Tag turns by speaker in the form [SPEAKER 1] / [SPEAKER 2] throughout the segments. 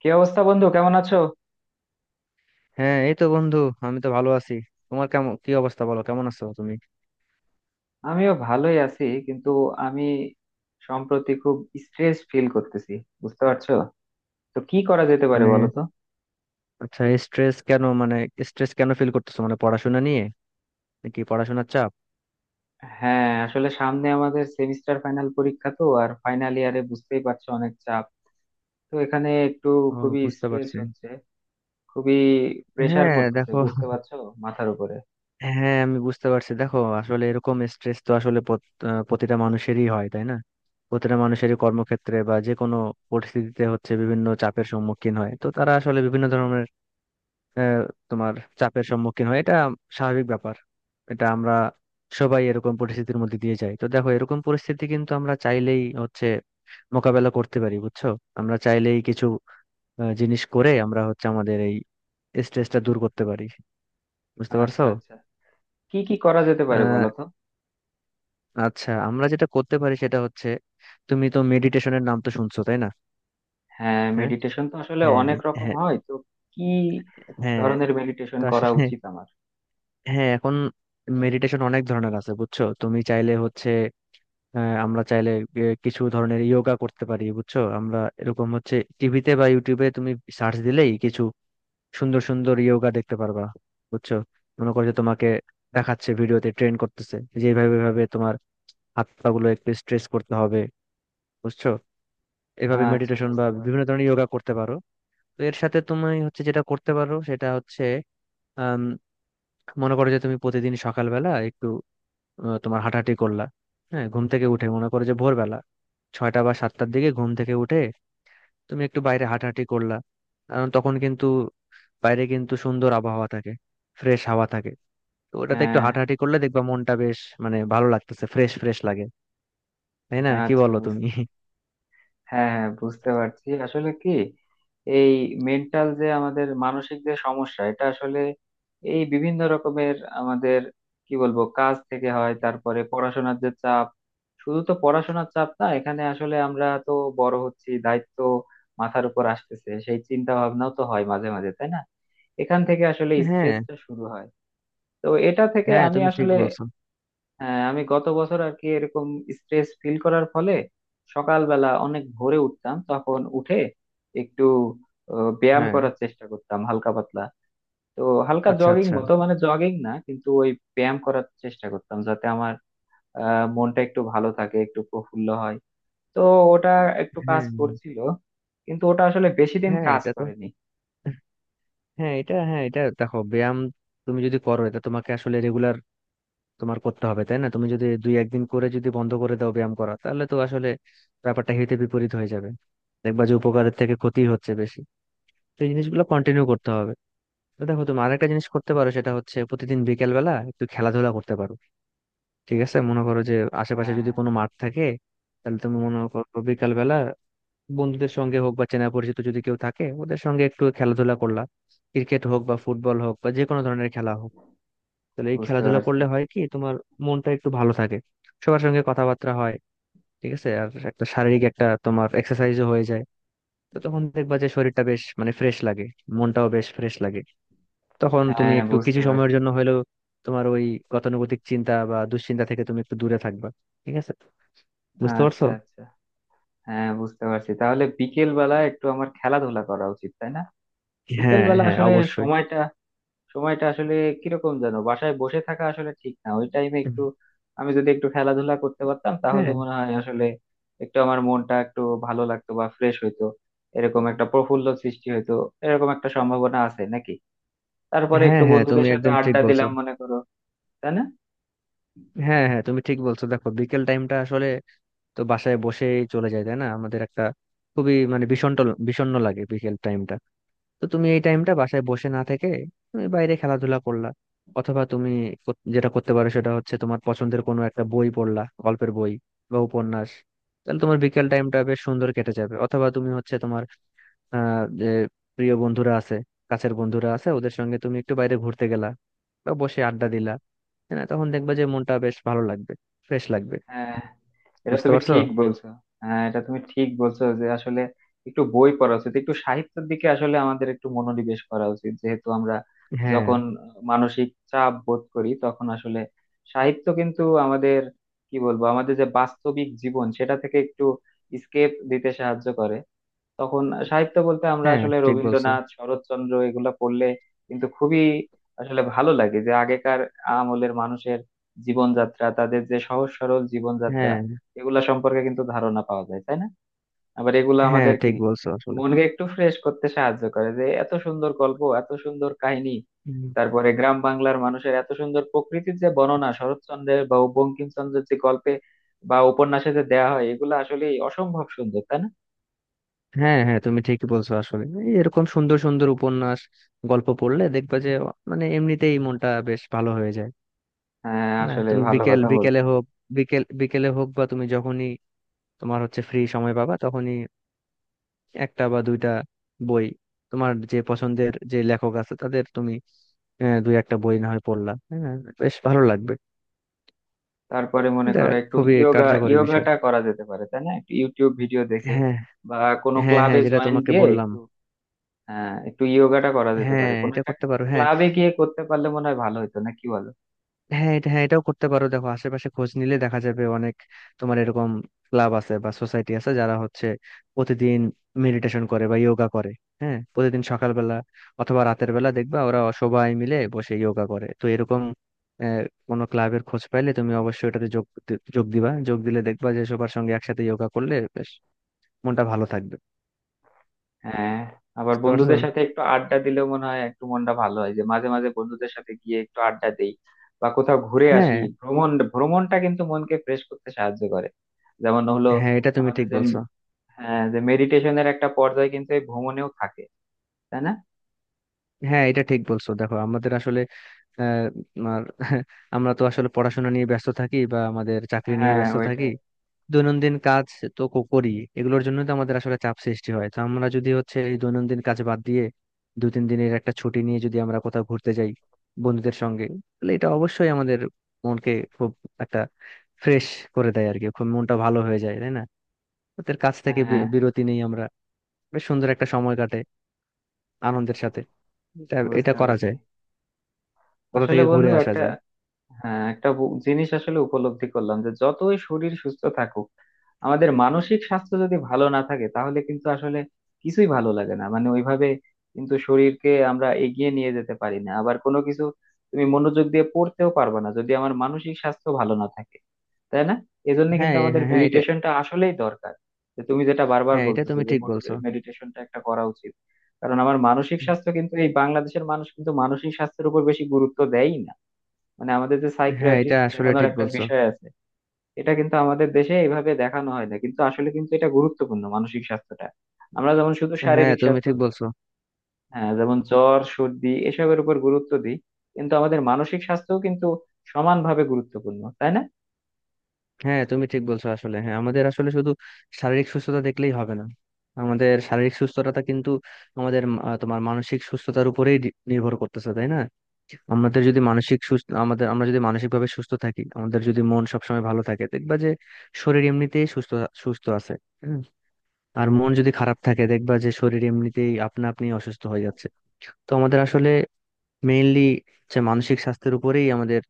[SPEAKER 1] কি অবস্থা বন্ধু? কেমন আছো?
[SPEAKER 2] হ্যাঁ, এই তো বন্ধু। আমি তো ভালো আছি। তোমার কেমন, কি অবস্থা, বলো কেমন আছো তুমি?
[SPEAKER 1] আমিও ভালোই আছি, কিন্তু আমি সম্প্রতি খুব স্ট্রেস ফিল করতেছি, বুঝতে পারছো? তো কি করা যেতে পারে
[SPEAKER 2] মানে,
[SPEAKER 1] বলো তো।
[SPEAKER 2] আচ্ছা স্ট্রেস কেন, মানে স্ট্রেস কেন ফিল করতেছো? মানে পড়াশোনা নিয়ে, নাকি পড়াশোনার চাপ?
[SPEAKER 1] হ্যাঁ, আসলে সামনে আমাদের সেমিস্টার ফাইনাল পরীক্ষা, তো আর ফাইনাল ইয়ারে বুঝতেই পারছো অনেক চাপ। তো এখানে একটু
[SPEAKER 2] ও,
[SPEAKER 1] খুবই
[SPEAKER 2] বুঝতে
[SPEAKER 1] স্ট্রেস
[SPEAKER 2] পারছি।
[SPEAKER 1] হচ্ছে, খুবই প্রেসার
[SPEAKER 2] হ্যাঁ
[SPEAKER 1] পড়তেছে,
[SPEAKER 2] দেখো,
[SPEAKER 1] বুঝতে পারছো, মাথার উপরে।
[SPEAKER 2] হ্যাঁ আমি বুঝতে পারছি। দেখো আসলে এরকম স্ট্রেস তো আসলে প্রতিটা মানুষেরই হয়, তাই না? প্রতিটা মানুষেরই কর্মক্ষেত্রে বা যে কোনো পরিস্থিতিতে হচ্ছে বিভিন্ন চাপের সম্মুখীন হয়, তো তারা আসলে বিভিন্ন ধরনের আহ, তোমার চাপের সম্মুখীন হয়। এটা স্বাভাবিক ব্যাপার। এটা আমরা সবাই এরকম পরিস্থিতির মধ্যে দিয়ে যাই। তো দেখো এরকম পরিস্থিতি কিন্তু আমরা চাইলেই হচ্ছে মোকাবেলা করতে পারি, বুঝছো। আমরা চাইলেই কিছু জিনিস করে আমরা হচ্ছে আমাদের এই স্ট্রেসটা দূর করতে পারি। বুঝতে পারছো?
[SPEAKER 1] আচ্ছা আচ্ছা, কি কি করা যেতে পারে
[SPEAKER 2] আহ
[SPEAKER 1] বলো তো।
[SPEAKER 2] আচ্ছা, আমরা যেটা করতে পারি সেটা হচ্ছে, তুমি তো মেডিটেশনের নাম তো শুনছো, তাই না?
[SPEAKER 1] হ্যাঁ,
[SPEAKER 2] হ্যাঁ,
[SPEAKER 1] মেডিটেশন তো আসলে
[SPEAKER 2] হ্যাঁ,
[SPEAKER 1] অনেক রকম
[SPEAKER 2] হ্যাঁ,
[SPEAKER 1] হয়, তো কি
[SPEAKER 2] হ্যাঁ।
[SPEAKER 1] ধরনের মেডিটেশন
[SPEAKER 2] তো
[SPEAKER 1] করা
[SPEAKER 2] আসলে
[SPEAKER 1] উচিত আমার?
[SPEAKER 2] হ্যাঁ এখন মেডিটেশন অনেক ধরনের আছে, বুঝছো। তুমি চাইলে হচ্ছে, হ্যাঁ আমরা চাইলে কিছু ধরনের যোগা করতে পারি, বুঝছো। আমরা এরকম হচ্ছে টিভিতে বা ইউটিউবে তুমি সার্চ দিলেই কিছু সুন্দর সুন্দর যোগা দেখতে পারবা, বুঝছো। মনে করো যে তোমাকে দেখাচ্ছে, ভিডিওতে ট্রেন করতেছে যে এইভাবে এইভাবে তোমার হাত পা গুলো একটু স্ট্রেস করতে হবে, বুঝছো। এভাবে
[SPEAKER 1] আচ্ছা,
[SPEAKER 2] মেডিটেশন বা
[SPEAKER 1] বুঝতে
[SPEAKER 2] বিভিন্ন
[SPEAKER 1] পারছি।
[SPEAKER 2] ধরনের যোগা করতে পারো। তো এর সাথে তুমি হচ্ছে যেটা করতে পারো সেটা হচ্ছে, আম, মনে করো যে তুমি প্রতিদিন সকালবেলা একটু তোমার হাঁটাহাঁটি করলা। হ্যাঁ, ঘুম থেকে উঠে মনে করো যে ভোরবেলা 6টা বা 7টার দিকে ঘুম থেকে উঠে তুমি একটু বাইরে হাঁটাহাঁটি করলা। কারণ তখন কিন্তু বাইরে কিন্তু সুন্দর আবহাওয়া থাকে, ফ্রেশ হাওয়া থাকে। তো ওটাতে একটু
[SPEAKER 1] হ্যাঁ,
[SPEAKER 2] হাঁটাহাঁটি করলে দেখবা মনটা বেশ মানে ভালো লাগতেছে, ফ্রেশ ফ্রেশ লাগে। তাই না, কি
[SPEAKER 1] আচ্ছা,
[SPEAKER 2] বলো তুমি?
[SPEAKER 1] হ্যাঁ হ্যাঁ, বুঝতে পারছি। আসলে কি, এই মেন্টাল যে আমাদের মানসিক যে সমস্যা, এটা আসলে এই বিভিন্ন রকমের আমাদের কি বলবো কাজ থেকে হয়, তারপরে পড়াশোনার যে চাপ, শুধু তো পড়াশোনার চাপ না, এখানে আসলে আমরা তো বড় হচ্ছি, দায়িত্ব মাথার উপর আসতেছে, সেই চিন্তা ভাবনাও তো হয় মাঝে মাঝে, তাই না? এখান থেকে আসলে
[SPEAKER 2] হ্যাঁ,
[SPEAKER 1] স্ট্রেসটা শুরু হয়। তো এটা থেকে
[SPEAKER 2] হ্যাঁ,
[SPEAKER 1] আমি
[SPEAKER 2] তুমি ঠিক
[SPEAKER 1] আসলে,
[SPEAKER 2] বলছো।
[SPEAKER 1] হ্যাঁ, আমি গত বছর আর কি এরকম স্ট্রেস ফিল করার ফলে সকালবেলা অনেক ভোরে উঠতাম, তখন উঠে একটু ব্যায়াম
[SPEAKER 2] হ্যাঁ।
[SPEAKER 1] করার চেষ্টা করতাম হালকা পাতলা। তো হালকা
[SPEAKER 2] আচ্ছা,
[SPEAKER 1] জগিং
[SPEAKER 2] আচ্ছা।
[SPEAKER 1] মতো, মানে জগিং না, কিন্তু ওই ব্যায়াম করার চেষ্টা করতাম যাতে আমার মনটা একটু ভালো থাকে, একটু প্রফুল্ল হয়। তো ওটা একটু কাজ
[SPEAKER 2] হ্যাঁ,
[SPEAKER 1] করছিল, কিন্তু ওটা আসলে বেশি দিন
[SPEAKER 2] হ্যাঁ,
[SPEAKER 1] কাজ
[SPEAKER 2] এটা তো,
[SPEAKER 1] করেনি।
[SPEAKER 2] হ্যাঁ এটা দেখো, ব্যায়াম তুমি যদি করো এটা তোমাকে আসলে রেগুলার তোমার করতে হবে, তাই না? তুমি যদি দুই একদিন করে যদি বন্ধ করে দাও ব্যায়াম করা তাহলে তো আসলে ব্যাপারটা হিতে বিপরীত হয়ে যাবে। দেখবা যে উপকারের থেকে ক্ষতি হচ্ছে বেশি। তো এই জিনিসগুলো কন্টিনিউ করতে হবে। তো দেখো, তুমি আরেকটা জিনিস করতে পারো সেটা হচ্ছে প্রতিদিন বিকেল বেলা একটু খেলাধুলা করতে পারো। ঠিক আছে, মনে করো যে আশেপাশে
[SPEAKER 1] হ্যাঁ,
[SPEAKER 2] যদি কোনো মাঠ থাকে, তাহলে তুমি মনে করো বিকেল বেলা বন্ধুদের সঙ্গে হোক বা চেনা পরিচিত যদি কেউ থাকে ওদের সঙ্গে একটু খেলাধুলা করলা। ক্রিকেট হোক বা ফুটবল হোক বা যে কোনো ধরনের খেলা হোক, তাহলে এই
[SPEAKER 1] বুঝতে
[SPEAKER 2] খেলাধুলা
[SPEAKER 1] পারছি।
[SPEAKER 2] করলে হয় কি, তোমার মনটা একটু ভালো থাকে, সবার সঙ্গে কথাবার্তা হয়। ঠিক আছে, আর একটা শারীরিক, একটা তোমার এক্সারসাইজও হয়ে যায়। তো তখন দেখবা যে শরীরটা বেশ মানে ফ্রেশ লাগে, মনটাও বেশ ফ্রেশ লাগে। তখন তুমি
[SPEAKER 1] হ্যাঁ,
[SPEAKER 2] একটু
[SPEAKER 1] বুঝতে
[SPEAKER 2] কিছু সময়ের
[SPEAKER 1] পারছি।
[SPEAKER 2] জন্য হলেও তোমার ওই গতানুগতিক চিন্তা বা দুশ্চিন্তা থেকে তুমি একটু দূরে থাকবা। ঠিক আছে, বুঝতে পারছো?
[SPEAKER 1] আচ্ছা আচ্ছা, হ্যাঁ বুঝতে পারছি, তাহলে বিকেল বেলা একটু আমার খেলাধুলা করা উচিত তাই না? বিকেল
[SPEAKER 2] হ্যাঁ,
[SPEAKER 1] বেলা
[SPEAKER 2] হ্যাঁ,
[SPEAKER 1] আসলে
[SPEAKER 2] অবশ্যই।
[SPEAKER 1] সময়টা, সময়টা আসলে কিরকম যেন, বাসায় বসে থাকা আসলে ঠিক না ওই টাইমে। একটু আমি যদি একটু খেলাধুলা করতে পারতাম তাহলে
[SPEAKER 2] হ্যাঁ,
[SPEAKER 1] মনে হয় আসলে একটু আমার মনটা একটু ভালো লাগতো বা ফ্রেশ হইতো, এরকম একটা প্রফুল্ল সৃষ্টি হইতো, এরকম একটা সম্ভাবনা আছে নাকি? তারপরে
[SPEAKER 2] হ্যাঁ,
[SPEAKER 1] একটু
[SPEAKER 2] হ্যাঁ, তুমি
[SPEAKER 1] বন্ধুদের সাথে
[SPEAKER 2] একদম ঠিক
[SPEAKER 1] আড্ডা
[SPEAKER 2] বলছো।
[SPEAKER 1] দিলাম মনে করো, তাই না?
[SPEAKER 2] হ্যাঁ, হ্যাঁ, তুমি ঠিক বলছো। দেখো বিকেল টাইমটা আসলে তো বাসায় বসেই চলে যায়, তাই না? আমাদের একটা খুবই মানে বিষণ্ণ, বিষণ্ণ লাগে বিকেল টাইমটা। তো তুমি এই টাইমটা বাসায় বসে না থেকে তুমি বাইরে খেলাধুলা করলা। অথবা তুমি যেটা করতে পারো সেটা হচ্ছে তোমার পছন্দের কোনো একটা বই পড়লা, গল্পের বই বা উপন্যাস। তাহলে তোমার বিকেল টাইমটা বেশ সুন্দর কেটে যাবে। অথবা তুমি হচ্ছে তোমার যে প্রিয় বন্ধুরা আছে, কাছের বন্ধুরা আছে, ওদের সঙ্গে তুমি একটু বাইরে ঘুরতে গেলা বা বসে আড্ডা দিলা। হ্যাঁ তখন দেখবা যে মনটা বেশ ভালো লাগবে, ফ্রেশ লাগবে।
[SPEAKER 1] হ্যাঁ, এটা
[SPEAKER 2] বুঝতে
[SPEAKER 1] তুমি
[SPEAKER 2] পারছো?
[SPEAKER 1] ঠিক বলছো। হ্যাঁ এটা তুমি ঠিক বলছো যে আসলে একটু বই পড়া উচিত, একটু সাহিত্যের দিকে আসলে আমাদের একটু মনোনিবেশ করা উচিত, যেহেতু আমরা
[SPEAKER 2] হ্যাঁ,
[SPEAKER 1] যখন মানসিক চাপ বোধ করি তখন আসলে সাহিত্য কিন্তু আমাদের কি বলবো আমাদের যে বাস্তবিক জীবন সেটা থেকে একটু স্কেপ দিতে সাহায্য করে। তখন সাহিত্য বলতে আমরা
[SPEAKER 2] হ্যাঁ,
[SPEAKER 1] আসলে
[SPEAKER 2] ঠিক বলছো।
[SPEAKER 1] রবীন্দ্রনাথ, শরৎচন্দ্র এগুলা পড়লে কিন্তু খুবই আসলে ভালো লাগে, যে আগেকার আমলের মানুষের জীবনযাত্রা, তাদের যে সহজ সরল জীবনযাত্রা,
[SPEAKER 2] হ্যাঁ,
[SPEAKER 1] এগুলা সম্পর্কে কিন্তু ধারণা পাওয়া যায়, তাই না? আবার এগুলা
[SPEAKER 2] হ্যাঁ,
[SPEAKER 1] আমাদের কি
[SPEAKER 2] ঠিক বলছো আসলে।
[SPEAKER 1] মনকে একটু ফ্রেশ করতে সাহায্য করে, যে এত সুন্দর গল্প, এত সুন্দর কাহিনী।
[SPEAKER 2] হুম।
[SPEAKER 1] তারপরে গ্রাম বাংলার মানুষের এত সুন্দর প্রকৃতির যে বর্ণনা শরৎচন্দ্রের বা বঙ্কিমচন্দ্রের যে গল্পে বা উপন্যাসে যে দেয়া হয়, এগুলো আসলে অসম্ভব সুন্দর তাই না?
[SPEAKER 2] হ্যাঁ, হ্যাঁ, তুমি ঠিকই বলছো আসলে। এই এরকম সুন্দর সুন্দর উপন্যাস, গল্প পড়লে দেখবা যে মানে এমনিতেই মনটা বেশ ভালো হয়ে যায়।
[SPEAKER 1] হ্যাঁ,
[SPEAKER 2] না
[SPEAKER 1] আসলে
[SPEAKER 2] তুমি
[SPEAKER 1] ভালো কথা বলছো।
[SPEAKER 2] বিকেল বিকেলে হোক বা তুমি যখনই তোমার হচ্ছে ফ্রি সময় পাবা তখনই, একটা বা দুইটা বই, তোমার যে পছন্দের যে লেখক আছে তাদের তুমি দুই একটা বই না হয় পড়লা, হ্যাঁ, বেশ ভালো লাগবে।
[SPEAKER 1] তারপরে মনে
[SPEAKER 2] এটা
[SPEAKER 1] করো একটু
[SPEAKER 2] খুবই
[SPEAKER 1] ইয়োগা,
[SPEAKER 2] কার্যকরী বিষয়।
[SPEAKER 1] ইয়োগাটা করা যেতে পারে তাই না, একটু ইউটিউব ভিডিও দেখে
[SPEAKER 2] হ্যাঁ,
[SPEAKER 1] বা কোনো
[SPEAKER 2] হ্যাঁ, হ্যাঁ,
[SPEAKER 1] ক্লাবে
[SPEAKER 2] যেটা
[SPEAKER 1] জয়েন
[SPEAKER 2] তোমাকে
[SPEAKER 1] দিয়ে
[SPEAKER 2] বললাম।
[SPEAKER 1] একটু একটু ইয়োগাটা করা যেতে
[SPEAKER 2] হ্যাঁ,
[SPEAKER 1] পারে, কোনো
[SPEAKER 2] এটা
[SPEAKER 1] একটা
[SPEAKER 2] করতে পারো। হ্যাঁ,
[SPEAKER 1] ক্লাবে গিয়ে করতে পারলে মনে হয় ভালো হতো, না কি বলো?
[SPEAKER 2] হ্যাঁ, এটা, হ্যাঁ, এটাও করতে পারো। দেখো আশেপাশে খোঁজ নিলে দেখা যাবে অনেক তোমার এরকম ক্লাব আছে বা সোসাইটি আছে যারা হচ্ছে প্রতিদিন মেডিটেশন করে বা যোগা করে। হ্যাঁ, প্রতিদিন সকালবেলা অথবা রাতের বেলা দেখবা ওরা সবাই মিলে বসে যোগা করে। তো এরকম আহ, কোনো ক্লাবের খোঁজ পাইলে তুমি অবশ্যই এটাতে যোগ দিবা। যোগ দিলে দেখবা যে সবার সঙ্গে একসাথে যোগা করলে বেশ মনটা ভালো থাকবে।
[SPEAKER 1] হ্যাঁ, আবার
[SPEAKER 2] বুঝতে পারছো?
[SPEAKER 1] বন্ধুদের সাথে একটু আড্ডা দিলেও মনে হয় একটু মনটা ভালো হয়, যে মাঝে মাঝে বন্ধুদের সাথে গিয়ে একটু আড্ডা দেই বা কোথাও ঘুরে আসি।
[SPEAKER 2] হ্যাঁ,
[SPEAKER 1] ভ্রমণ, ভ্রমণটা কিন্তু মনকে ফ্রেশ করতে সাহায্য করে। যেমন হলো
[SPEAKER 2] হ্যাঁ, এটা তুমি
[SPEAKER 1] আমাদের
[SPEAKER 2] ঠিক
[SPEAKER 1] যে,
[SPEAKER 2] বলছো।
[SPEAKER 1] হ্যাঁ যে মেডিটেশনের একটা পর্যায় কিন্তু এই ভ্রমণেও থাকে, তাই না?
[SPEAKER 2] হ্যাঁ এটা ঠিক বলছো। দেখো আমাদের আসলে আহ, আর আমরা তো আসলে পড়াশোনা নিয়ে ব্যস্ত থাকি বা আমাদের চাকরি নিয়ে
[SPEAKER 1] হ্যাঁ,
[SPEAKER 2] ব্যস্ত থাকি,
[SPEAKER 1] ওইটাই।
[SPEAKER 2] দৈনন্দিন কাজ তো করি, এগুলোর জন্য তো আমাদের আসলে চাপ সৃষ্টি হয়। তো আমরা যদি হচ্ছে এই দৈনন্দিন কাজ বাদ দিয়ে দু তিন দিনের একটা ছুটি নিয়ে যদি আমরা কোথাও ঘুরতে যাই বন্ধুদের সঙ্গে, তাহলে এটা অবশ্যই আমাদের মনকে খুব একটা ফ্রেশ করে দেয়, আর কি খুব মনটা ভালো হয়ে যায়, তাই না? ওদের কাছ থেকে
[SPEAKER 1] হ্যাঁ,
[SPEAKER 2] বিরতি নেই আমরা, বেশ সুন্দর একটা সময় কাটে আনন্দের সাথে। এটা এটা
[SPEAKER 1] বুঝতে
[SPEAKER 2] করা
[SPEAKER 1] পারছি।
[SPEAKER 2] যায়, কোথা
[SPEAKER 1] আসলে
[SPEAKER 2] থেকে
[SPEAKER 1] বন্ধু
[SPEAKER 2] ঘুরে আসা
[SPEAKER 1] একটা,
[SPEAKER 2] যায়।
[SPEAKER 1] হ্যাঁ একটা জিনিস আসলে উপলব্ধি করলাম, যে যতই শরীর সুস্থ থাকুক আমাদের মানসিক স্বাস্থ্য যদি ভালো না থাকে তাহলে কিন্তু আসলে কিছুই ভালো লাগে না, মানে ওইভাবে কিন্তু শরীরকে আমরা এগিয়ে নিয়ে যেতে পারি না। আবার কোনো কিছু তুমি মনোযোগ দিয়ে পড়তেও পারবে না যদি আমার মানসিক স্বাস্থ্য ভালো না থাকে, তাই না? এজন্য
[SPEAKER 2] হ্যাঁ,
[SPEAKER 1] কিন্তু আমাদের
[SPEAKER 2] হ্যাঁ, হ্যাঁ, এটা।
[SPEAKER 1] মেডিটেশনটা আসলেই দরকার, যে তুমি যেটা বারবার
[SPEAKER 2] হ্যাঁ এটা
[SPEAKER 1] বলতেছো
[SPEAKER 2] তুমি
[SPEAKER 1] যে
[SPEAKER 2] ঠিক বলছো।
[SPEAKER 1] মেডিটেশনটা একটা করা উচিত। কারণ আমার মানসিক স্বাস্থ্য কিন্তু এই বাংলাদেশের মানুষ কিন্তু মানসিক স্বাস্থ্যের উপর বেশি গুরুত্ব দেয়ই না। মানে আমাদের যে
[SPEAKER 2] হ্যাঁ এটা
[SPEAKER 1] সাইকিয়াট্রিস্ট
[SPEAKER 2] আসলে
[SPEAKER 1] দেখানোর
[SPEAKER 2] ঠিক
[SPEAKER 1] একটা
[SPEAKER 2] বলছো।
[SPEAKER 1] বিষয় আছে, এটা কিন্তু আমাদের দেশে এইভাবে দেখানো হয় না, কিন্তু আসলে কিন্তু এটা গুরুত্বপূর্ণ মানসিক স্বাস্থ্যটা। আমরা যেমন শুধু
[SPEAKER 2] হ্যাঁ
[SPEAKER 1] শারীরিক
[SPEAKER 2] তুমি
[SPEAKER 1] স্বাস্থ্য,
[SPEAKER 2] ঠিক বলছো।
[SPEAKER 1] হ্যাঁ যেমন জ্বর সর্দি এসবের উপর গুরুত্ব দিই, কিন্তু আমাদের মানসিক স্বাস্থ্যও কিন্তু সমানভাবে গুরুত্বপূর্ণ, তাই না?
[SPEAKER 2] হ্যাঁ তুমি ঠিক বলছো আসলে। হ্যাঁ আমাদের আসলে শুধু শারীরিক সুস্থতা দেখলেই হবে না। আমাদের শারীরিক সুস্থতা কিন্তু আমাদের মানসিক সুস্থতার উপরেই নির্ভর করতেছে, তাই না? আমাদের যদি মানসিক সুস্থ আমাদের আমরা যদি মানসিক ভাবে সুস্থ থাকি, আমাদের যদি মন সবসময় ভালো থাকে, দেখবা যে শরীর এমনিতেই সুস্থ, সুস্থ আছে। হুম। আর মন যদি খারাপ থাকে দেখবা যে শরীর এমনিতেই আপনা আপনি অসুস্থ হয়ে যাচ্ছে। তো আমাদের আসলে মেইনলি যে মানসিক স্বাস্থ্যের উপরেই আমাদের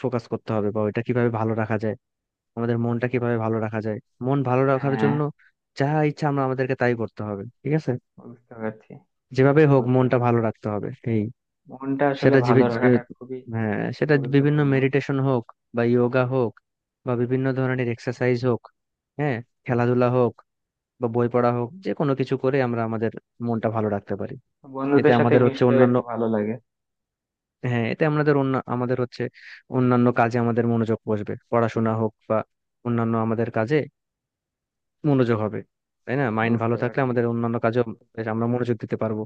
[SPEAKER 2] ফোকাস করতে হবে, বা ওইটা কিভাবে ভালো রাখা যায়, আমাদের মনটা কিভাবে ভালো রাখা যায়। মন ভালো রাখার
[SPEAKER 1] হ্যাঁ,
[SPEAKER 2] জন্য যা ইচ্ছা আমরা আমাদেরকে তাই করতে হবে, ঠিক আছে।
[SPEAKER 1] বুঝতে পারছি।
[SPEAKER 2] যেভাবে হোক
[SPEAKER 1] বুঝতে
[SPEAKER 2] মনটা
[SPEAKER 1] পারছি,
[SPEAKER 2] ভালো রাখতে হবে এই।
[SPEAKER 1] মনটা আসলে
[SPEAKER 2] সেটা
[SPEAKER 1] ভালো
[SPEAKER 2] জীবে-
[SPEAKER 1] রাখাটা
[SPEAKER 2] যে-
[SPEAKER 1] খুবই
[SPEAKER 2] হ্যাঁ সেটা বিভিন্ন
[SPEAKER 1] গুরুত্বপূর্ণ।
[SPEAKER 2] মেডিটেশন হোক বা যোগা হোক বা বিভিন্ন ধরনের এক্সারসাইজ হোক, হ্যাঁ খেলাধুলা হোক বা বই পড়া হোক, যে কোনো কিছু করে আমরা আমাদের মনটা ভালো রাখতে পারি। এতে
[SPEAKER 1] বন্ধুদের সাথে
[SPEAKER 2] আমাদের হচ্ছে
[SPEAKER 1] মিশলেও
[SPEAKER 2] অন্যান্য,
[SPEAKER 1] একটু ভালো লাগে।
[SPEAKER 2] হ্যাঁ এতে আমাদের অন্য, আমাদের হচ্ছে অন্যান্য কাজে আমাদের মনোযোগ বসবে, পড়াশোনা হোক বা অন্যান্য আমাদের কাজে মনোযোগ হবে, তাই না? মাইন্ড ভালো
[SPEAKER 1] বুঝতে
[SPEAKER 2] থাকলে
[SPEAKER 1] পারছি,
[SPEAKER 2] আমাদের অন্যান্য কাজেও বেশ আমরা মনোযোগ দিতে পারবো।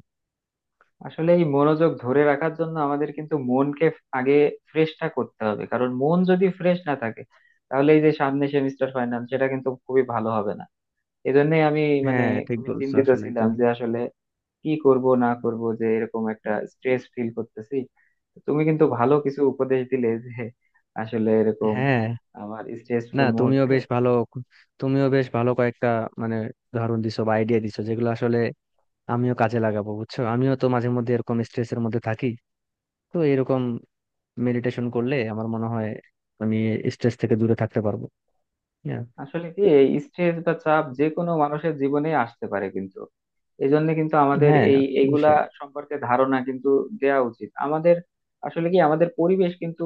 [SPEAKER 1] আসলে এই মনোযোগ ধরে রাখার জন্য আমাদের কিন্তু মনকে আগে ফ্রেশটা করতে হবে, কারণ মন যদি ফ্রেশ না থাকে তাহলে এই যে সামনে সেমিস্টার ফাইনাল, সেটা কিন্তু খুবই ভালো হবে না। এজন্যই আমি মানে
[SPEAKER 2] হ্যাঁ ঠিক
[SPEAKER 1] খুবই
[SPEAKER 2] বলছো
[SPEAKER 1] চিন্তিত
[SPEAKER 2] আসলে
[SPEAKER 1] ছিলাম
[SPEAKER 2] তুমি।
[SPEAKER 1] যে আসলে কি করব না করব, যে এরকম একটা স্ট্রেস ফিল করতেছি। তো তুমি কিন্তু ভালো কিছু উপদেশ দিলে যে আসলে এরকম
[SPEAKER 2] হ্যাঁ,
[SPEAKER 1] আমার
[SPEAKER 2] না
[SPEAKER 1] স্ট্রেসফুল মুহূর্তে।
[SPEAKER 2] তুমিও বেশ ভালো কয়েকটা মানে উদাহরণ দিছো বা আইডিয়া দিছো যেগুলো আসলে আমিও কাজে লাগাবো, বুঝছো। আমিও তো মাঝে মধ্যে এরকম স্ট্রেসের মধ্যে থাকি। তো এরকম মেডিটেশন করলে আমার মনে হয় আমি স্ট্রেস থেকে দূরে থাকতে পারবো। হ্যাঁ,
[SPEAKER 1] আসলে কি, এই স্ট্রেস বা চাপ যে কোনো মানুষের জীবনে আসতে পারে, কিন্তু এই জন্য কিন্তু আমাদের
[SPEAKER 2] হ্যাঁ,
[SPEAKER 1] এই এইগুলা
[SPEAKER 2] অবশ্যই।
[SPEAKER 1] সম্পর্কে ধারণা কিন্তু দেয়া উচিত আমাদের। আসলে কি, আমাদের পরিবেশ কিন্তু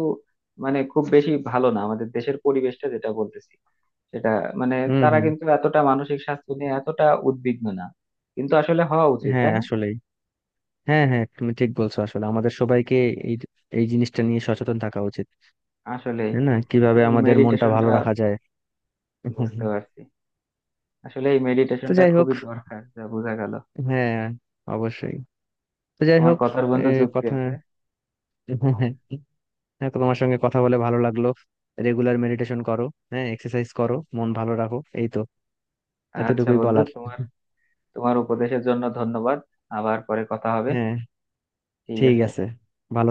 [SPEAKER 1] মানে খুব বেশি ভালো না আমাদের দেশের পরিবেশটা, যেটা বলতেছি সেটা মানে
[SPEAKER 2] হুম,
[SPEAKER 1] তারা
[SPEAKER 2] হুম।
[SPEAKER 1] কিন্তু এতটা মানসিক স্বাস্থ্য নিয়ে এতটা উদ্বিগ্ন না, কিন্তু আসলে হওয়া উচিত
[SPEAKER 2] হ্যাঁ
[SPEAKER 1] তাই না?
[SPEAKER 2] আসলেই, হ্যাঁ, হ্যাঁ, তুমি ঠিক বলছো আসলে। আমাদের সবাইকে এই এই জিনিসটা নিয়ে সচেতন থাকা উচিত,
[SPEAKER 1] আসলে,
[SPEAKER 2] তাই না? কিভাবে
[SPEAKER 1] আসলে
[SPEAKER 2] আমাদের মনটা
[SPEAKER 1] মেডিটেশনটা।
[SPEAKER 2] ভালো রাখা যায়। হুম,
[SPEAKER 1] বুঝতে
[SPEAKER 2] হুম।
[SPEAKER 1] পারছি, আসলে এই
[SPEAKER 2] তো
[SPEAKER 1] মেডিটেশনটা
[SPEAKER 2] যাই হোক,
[SPEAKER 1] খুবই দরকার যা বোঝা গেল।
[SPEAKER 2] হ্যাঁ অবশ্যই। তো যাই
[SPEAKER 1] তোমার
[SPEAKER 2] হোক
[SPEAKER 1] কথার বন্ধু
[SPEAKER 2] এই
[SPEAKER 1] যুক্তি
[SPEAKER 2] কথা,
[SPEAKER 1] আছে।
[SPEAKER 2] হ্যাঁ, তো তোমার সঙ্গে কথা বলে ভালো লাগলো। রেগুলার মেডিটেশন করো, হ্যাঁ এক্সারসাইজ করো, মন ভালো রাখো, এই তো,
[SPEAKER 1] আচ্ছা
[SPEAKER 2] এতটুকুই
[SPEAKER 1] বন্ধু,
[SPEAKER 2] বলার।
[SPEAKER 1] তোমার, তোমার উপদেশের জন্য ধন্যবাদ। আবার পরে কথা হবে।
[SPEAKER 2] হ্যাঁ,
[SPEAKER 1] ঠিক
[SPEAKER 2] ঠিক
[SPEAKER 1] আছে।
[SPEAKER 2] আছে, ভালো।